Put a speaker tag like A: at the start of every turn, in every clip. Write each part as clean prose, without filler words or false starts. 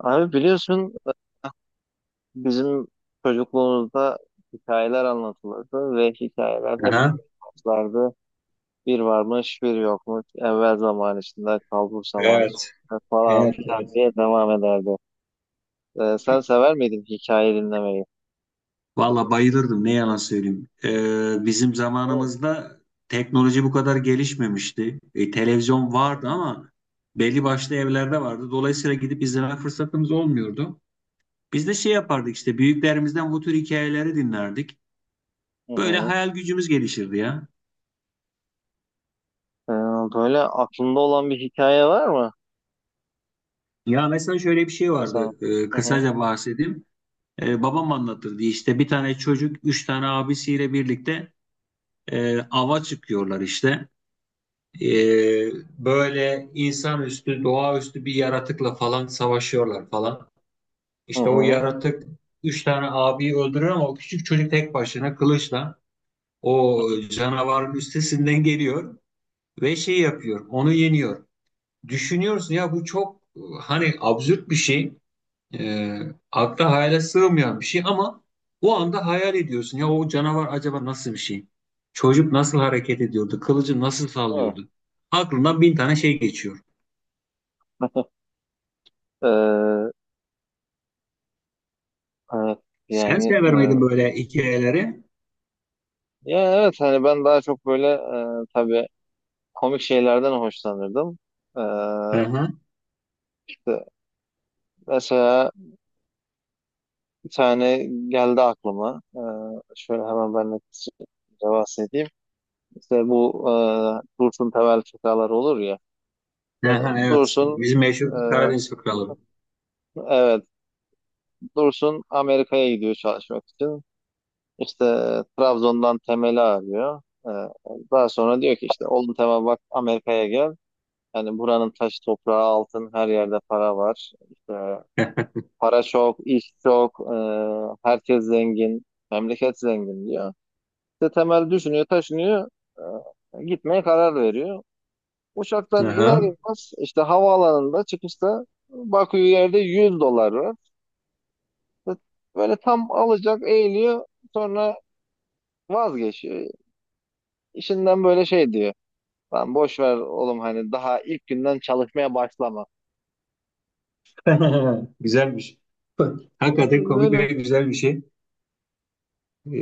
A: Abi biliyorsun bizim çocukluğumuzda hikayeler anlatılırdı ve hikayeler hep
B: Aha.
A: şunu anlatırlardı. Bir varmış bir yokmuş, evvel zaman içinde kalbur zaman
B: Evet,
A: içinde falan
B: evet,
A: filan
B: evet.
A: diye devam ederdi. Sen sever miydin hikaye dinlemeyi?
B: Valla bayılırdım ne yalan söyleyeyim. Bizim
A: Evet.
B: zamanımızda teknoloji bu kadar gelişmemişti. Televizyon
A: Hı
B: vardı
A: hı.
B: ama belli başlı evlerde vardı. Dolayısıyla gidip izleme fırsatımız olmuyordu. Biz de şey yapardık işte büyüklerimizden bu tür hikayeleri dinlerdik.
A: Hı
B: Böyle
A: hı.
B: hayal gücümüz gelişirdi ya.
A: Ee, Böyle aklında olan bir hikaye var mı
B: Ya mesela şöyle bir şey
A: sana?
B: vardı.
A: Hı hı.
B: Kısaca bahsedeyim. Babam anlatırdı işte bir tane çocuk üç tane abisiyle birlikte ava çıkıyorlar işte. e, Böyle insanüstü, doğaüstü bir yaratıkla falan savaşıyorlar falan.
A: Hı
B: İşte o
A: hı.
B: yaratık üç tane abiyi öldürüyor ama o küçük çocuk tek başına kılıçla o canavarın üstesinden geliyor ve şey yapıyor, onu yeniyor. Düşünüyorsun ya bu çok hani absürt bir şey, e, akla hayale sığmayan bir şey ama o anda hayal ediyorsun ya o canavar acaba nasıl bir şey? Çocuk nasıl hareket ediyordu? Kılıcı nasıl
A: Hı.
B: sallıyordu? Aklından bin tane şey geçiyor.
A: Ee, evet,
B: Sen
A: yani
B: sever miydin böyle hikayeleri?
A: ya evet, hani ben daha çok böyle tabii komik şeylerden hoşlanırdım. Ee,
B: Hı hı.
A: işte mesela bir tane geldi aklıma. Şöyle hemen ben de kısaca bahsedeyim. İşte bu Dursun Tevel şakalar olur ya. İşte
B: Aha, evet.
A: Dursun
B: Bizim meşhur
A: e,
B: Karadeniz fıkraları.
A: evet Dursun Amerika'ya gidiyor çalışmak için. İşte Trabzon'dan Temel'i arıyor. Daha sonra diyor ki, işte oğlum Temel, bak, Amerika'ya gel. Yani buranın taş toprağı altın, her yerde para var. İşte para çok, iş çok, herkes zengin, memleket zengin diyor. İşte Temel düşünüyor, taşınıyor, gitmeye karar veriyor. Uçaktan iner
B: Aha.
A: inmez işte havaalanında çıkışta bakıyor, yerde 100 dolar var. İşte böyle tam alacak eğiliyor, sonra vazgeçiyor. İşinden böyle şey diyor: Lan boş ver oğlum, hani daha ilk günden çalışmaya başlama.
B: Güzelmiş.
A: Evet,
B: Hakikaten komik
A: öyle.
B: ve güzel bir şey. Ee,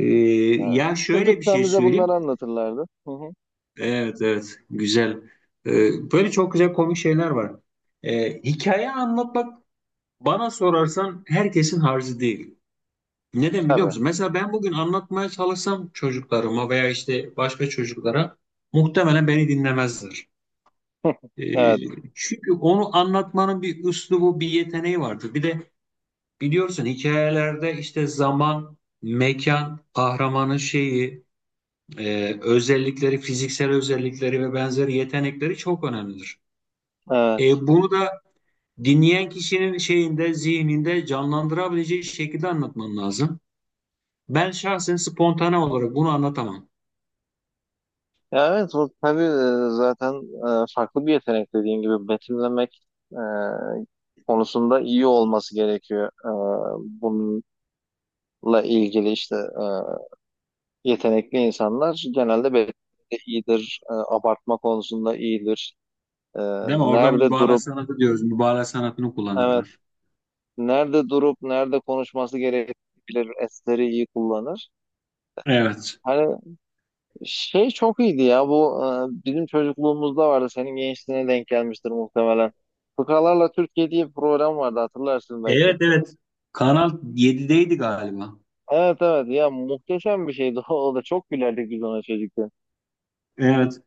A: Ha.
B: ya şöyle bir
A: Çocukken
B: şey
A: bize bunları
B: söyleyeyim.
A: anlatırlardı. Hı hı.
B: Evet evet güzel. Böyle çok güzel komik şeyler var. Hikaye anlatmak bana sorarsan herkesin harcı değil. Neden biliyor
A: Tabii.
B: musun? Mesela ben bugün anlatmaya çalışsam çocuklarıma veya işte başka çocuklara muhtemelen beni dinlemezler. Ee,
A: Evet.
B: çünkü onu anlatmanın bir üslubu, bir yeteneği vardır. Bir de biliyorsun hikayelerde işte zaman, mekan, kahramanın şeyi, özellikleri, fiziksel özellikleri ve benzeri yetenekleri çok önemlidir.
A: Evet.
B: Bunu da dinleyen kişinin şeyinde, zihninde canlandırabileceği şekilde anlatman lazım. Ben şahsen spontane olarak bunu anlatamam.
A: Ya evet, o tabii zaten farklı bir yetenek, dediğin gibi betimlemek konusunda iyi olması gerekiyor. Bununla ilgili işte yetenekli insanlar genelde betimlemede iyidir, abartma konusunda iyidir. E,
B: Değil mi? Orada
A: nerede
B: mübalağa
A: durup
B: sanatı diyoruz. Mübalağa sanatını
A: evet
B: kullanırlar.
A: Nerede durup nerede konuşması gerekir, esleri iyi kullanır.
B: Evet.
A: Hani şey çok iyiydi ya, bu bizim çocukluğumuzda vardı, senin gençliğine denk gelmiştir muhtemelen. Fıkralarla Türkiye diye bir program vardı, hatırlarsın belki.
B: Evet, evet. Kanal 7'deydi galiba.
A: Evet, evet, ya muhteşem bir şeydi o da. Çok gülerdik biz ona çocukken.
B: Evet.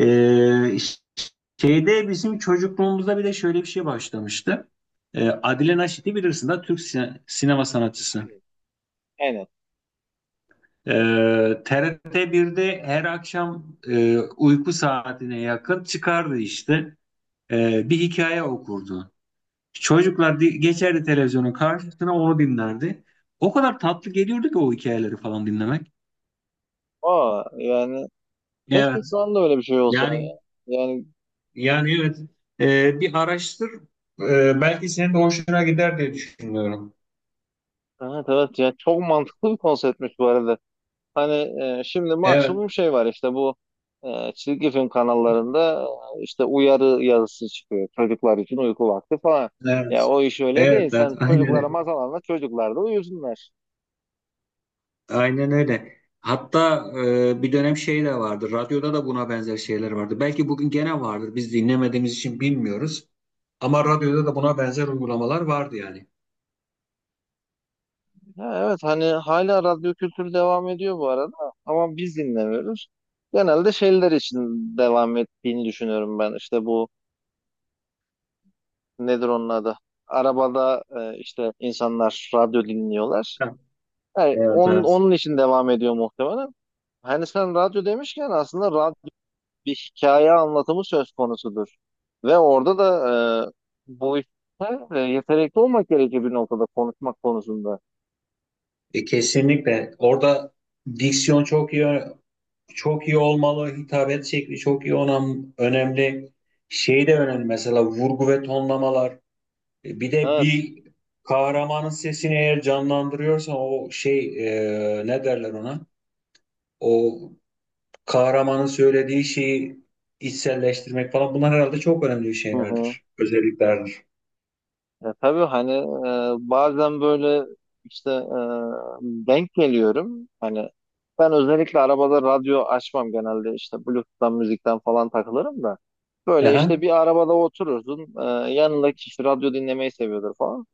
B: Ee, şeyde bizim çocukluğumuzda bir de şöyle bir şey başlamıştı. Adile Naşit'i bilirsin de Türk sinema sanatçısı.
A: Aynen.
B: TRT 1'de her akşam uyku saatine yakın çıkardı işte. Bir hikaye okurdu. Çocuklar geçerdi televizyonun karşısına onu dinlerdi. O kadar tatlı geliyordu ki o hikayeleri falan dinlemek.
A: O yani, keşke
B: Evet.
A: şu anda öyle bir şey olsa
B: Yani
A: ya. Yani
B: Yani evet. e, bir araştır Belki senin de hoşuna gider diye düşünüyorum.
A: evet, evet, ya çok mantıklı bir konseptmiş bu arada. Hani şimdi
B: Evet,
A: maksimum şey var işte, bu çizgi film kanallarında işte uyarı yazısı çıkıyor: çocuklar için uyku vakti falan. Ya
B: evet,
A: o iş öyle
B: evet,
A: değil.
B: evet,
A: Sen
B: aynen
A: çocuklara
B: öyle.
A: masal anlat, çocuklar da uyusunlar.
B: Aynen öyle. Hatta bir dönem şey de vardı. Radyoda da buna benzer şeyler vardı. Belki bugün gene vardır. Biz dinlemediğimiz için bilmiyoruz. Ama radyoda da buna benzer uygulamalar vardı yani.
A: Ha, evet, hani hala radyo kültürü devam ediyor bu arada, ama biz dinlemiyoruz. Genelde şeyler için devam ettiğini düşünüyorum ben. İşte bu, nedir onun adı? Arabada işte insanlar radyo dinliyorlar.
B: Ha,
A: Yani
B: evet,
A: onun,
B: evet.
A: onun için devam ediyor muhtemelen. Hani sen radyo demişken, aslında radyo bir hikaye anlatımı söz konusudur. Ve orada da bu işte yetenekli olmak gerekir bir noktada, konuşmak konusunda.
B: Kesinlikle. Orada diksiyon çok iyi olmalı. Hitabet şekli çok iyi olan önemli. Şey de önemli mesela vurgu ve tonlamalar. Bir de
A: Evet.
B: bir kahramanın sesini eğer canlandırıyorsan o şey ne derler ona? O kahramanın söylediği şeyi içselleştirmek falan bunlar herhalde çok önemli
A: Hı hı.
B: şeylerdir, özelliklerdir.
A: Ya tabii hani bazen böyle işte denk geliyorum. Hani ben özellikle arabada radyo açmam, genelde işte Bluetooth'tan müzikten falan takılırım da. Böyle işte
B: Aha,
A: bir arabada oturursun. Yanındaki kişi radyo dinlemeyi seviyordur falan.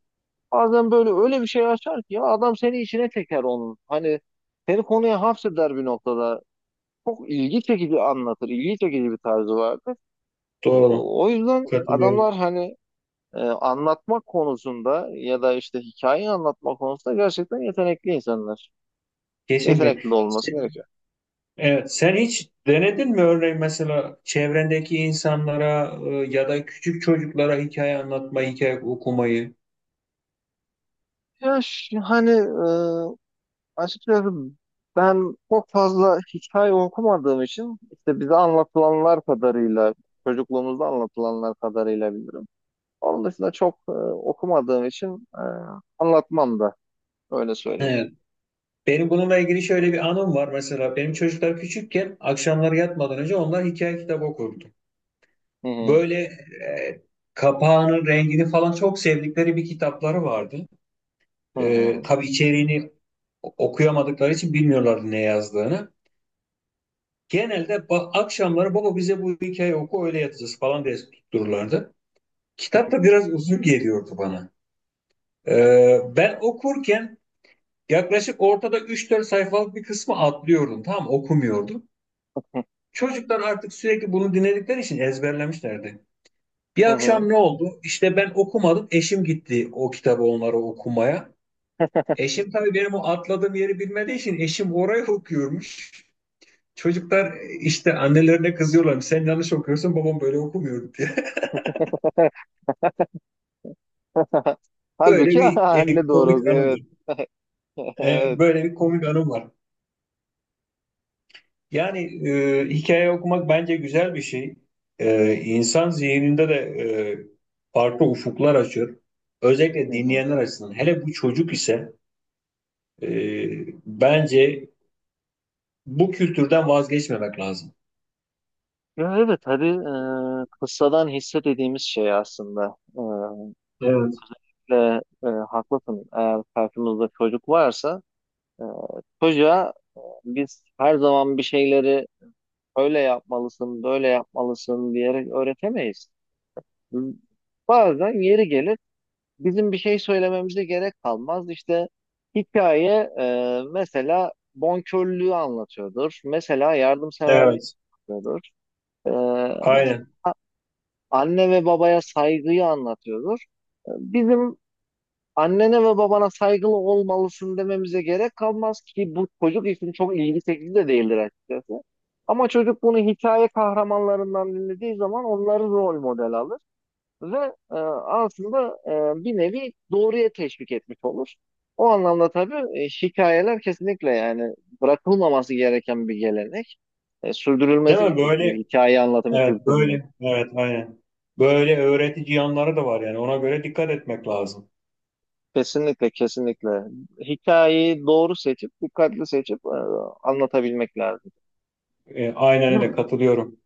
A: Bazen böyle öyle bir şey açar ki ya, adam seni içine çeker onun. Hani seni konuya hapseder bir noktada. Çok ilgi çekici anlatır. İlgi çekici bir tarzı vardır. Ee,
B: doğru.
A: O yüzden
B: Katılıyorum.
A: adamlar hani anlatmak konusunda ya da işte hikayeyi anlatma konusunda gerçekten yetenekli insanlar.
B: Kesinlikle.
A: Yetenekli de olması gerekiyor.
B: Evet, sen hiç denedin mi örneğin mesela çevrendeki insanlara ya da küçük çocuklara hikaye anlatmayı, hikaye okumayı?
A: Ya hani açıkçası ben çok fazla hikaye okumadığım için, işte bize anlatılanlar kadarıyla, çocukluğumuzda anlatılanlar kadarıyla bilirim. Onun dışında çok okumadığım için anlatmam da, öyle söyleyeyim.
B: Evet. Benim bununla ilgili şöyle bir anım var mesela. Benim çocuklar küçükken akşamları yatmadan önce onlar hikaye kitabı okurdu.
A: Hı hı.
B: Böyle kapağının rengini falan çok sevdikleri bir kitapları vardı.
A: Hı
B: Tabii içeriğini okuyamadıkları için bilmiyorlardı ne yazdığını. Genelde akşamları baba bize bu hikaye oku öyle yatacağız falan diye tuttururlardı. Kitap da biraz uzun geliyordu bana. Ben okurken yaklaşık ortada üç dört sayfalık bir kısmı atlıyordum. Tam okumuyordum.
A: hı.
B: Çocuklar artık sürekli bunu dinledikleri için ezberlemişlerdi.
A: Hı
B: Bir
A: hı.
B: akşam ne oldu? İşte ben okumadım. Eşim gitti o kitabı onlara okumaya. Eşim tabii benim o atladığım yeri bilmediği için eşim oraya okuyormuş. Çocuklar işte annelerine kızıyorlar. Sen yanlış okuyorsun, babam böyle okumuyordu diye. Böyle
A: Halbuki
B: bir
A: anne doğru
B: komik
A: okuyor,
B: anımdır.
A: evet.
B: Evet,
A: Evet.
B: böyle bir komik anım var. Yani hikaye okumak bence güzel bir şey. İnsan zihninde de farklı ufuklar açıyor. Özellikle
A: Hı hı.
B: dinleyenler açısından. Hele bu çocuk ise e, bence bu kültürden vazgeçmemek lazım.
A: Ya evet, hadi kıssadan hisse dediğimiz şey aslında.
B: Evet.
A: Ve haklısın, eğer karşımızda çocuk varsa, e, çocuğa biz her zaman bir şeyleri "öyle yapmalısın, böyle yapmalısın" diyerek öğretemeyiz. Bazen yeri gelir bizim bir şey söylememize gerek kalmaz. İşte hikaye mesela bonkörlüğü anlatıyordur. Mesela yardımseverlik
B: Evet,
A: anlatıyordur. E, mes-
B: aynen.
A: Anne ve babaya saygıyı anlatıyordur. Bizim "annene ve babana saygılı olmalısın" dememize gerek kalmaz ki, bu çocuk için çok ilgi çekici de değildir açıkçası. Ama çocuk bunu hikaye kahramanlarından dinlediği zaman onları rol model alır ve e, aslında bir nevi doğruya teşvik etmiş olur. O anlamda tabii şikayeler kesinlikle, yani bırakılmaması gereken bir gelenek.
B: Değil
A: Sürdürülmesi
B: mi?
A: gerekiyor
B: Böyle,
A: hikaye anlatımı
B: evet,
A: kültürünün.
B: böyle, evet, aynen. Böyle öğretici yanları da var yani. Ona göre dikkat etmek lazım.
A: Kesinlikle, kesinlikle. Hikayeyi doğru seçip, dikkatli seçip, anlatabilmek lazım.
B: Aynen öyle katılıyorum.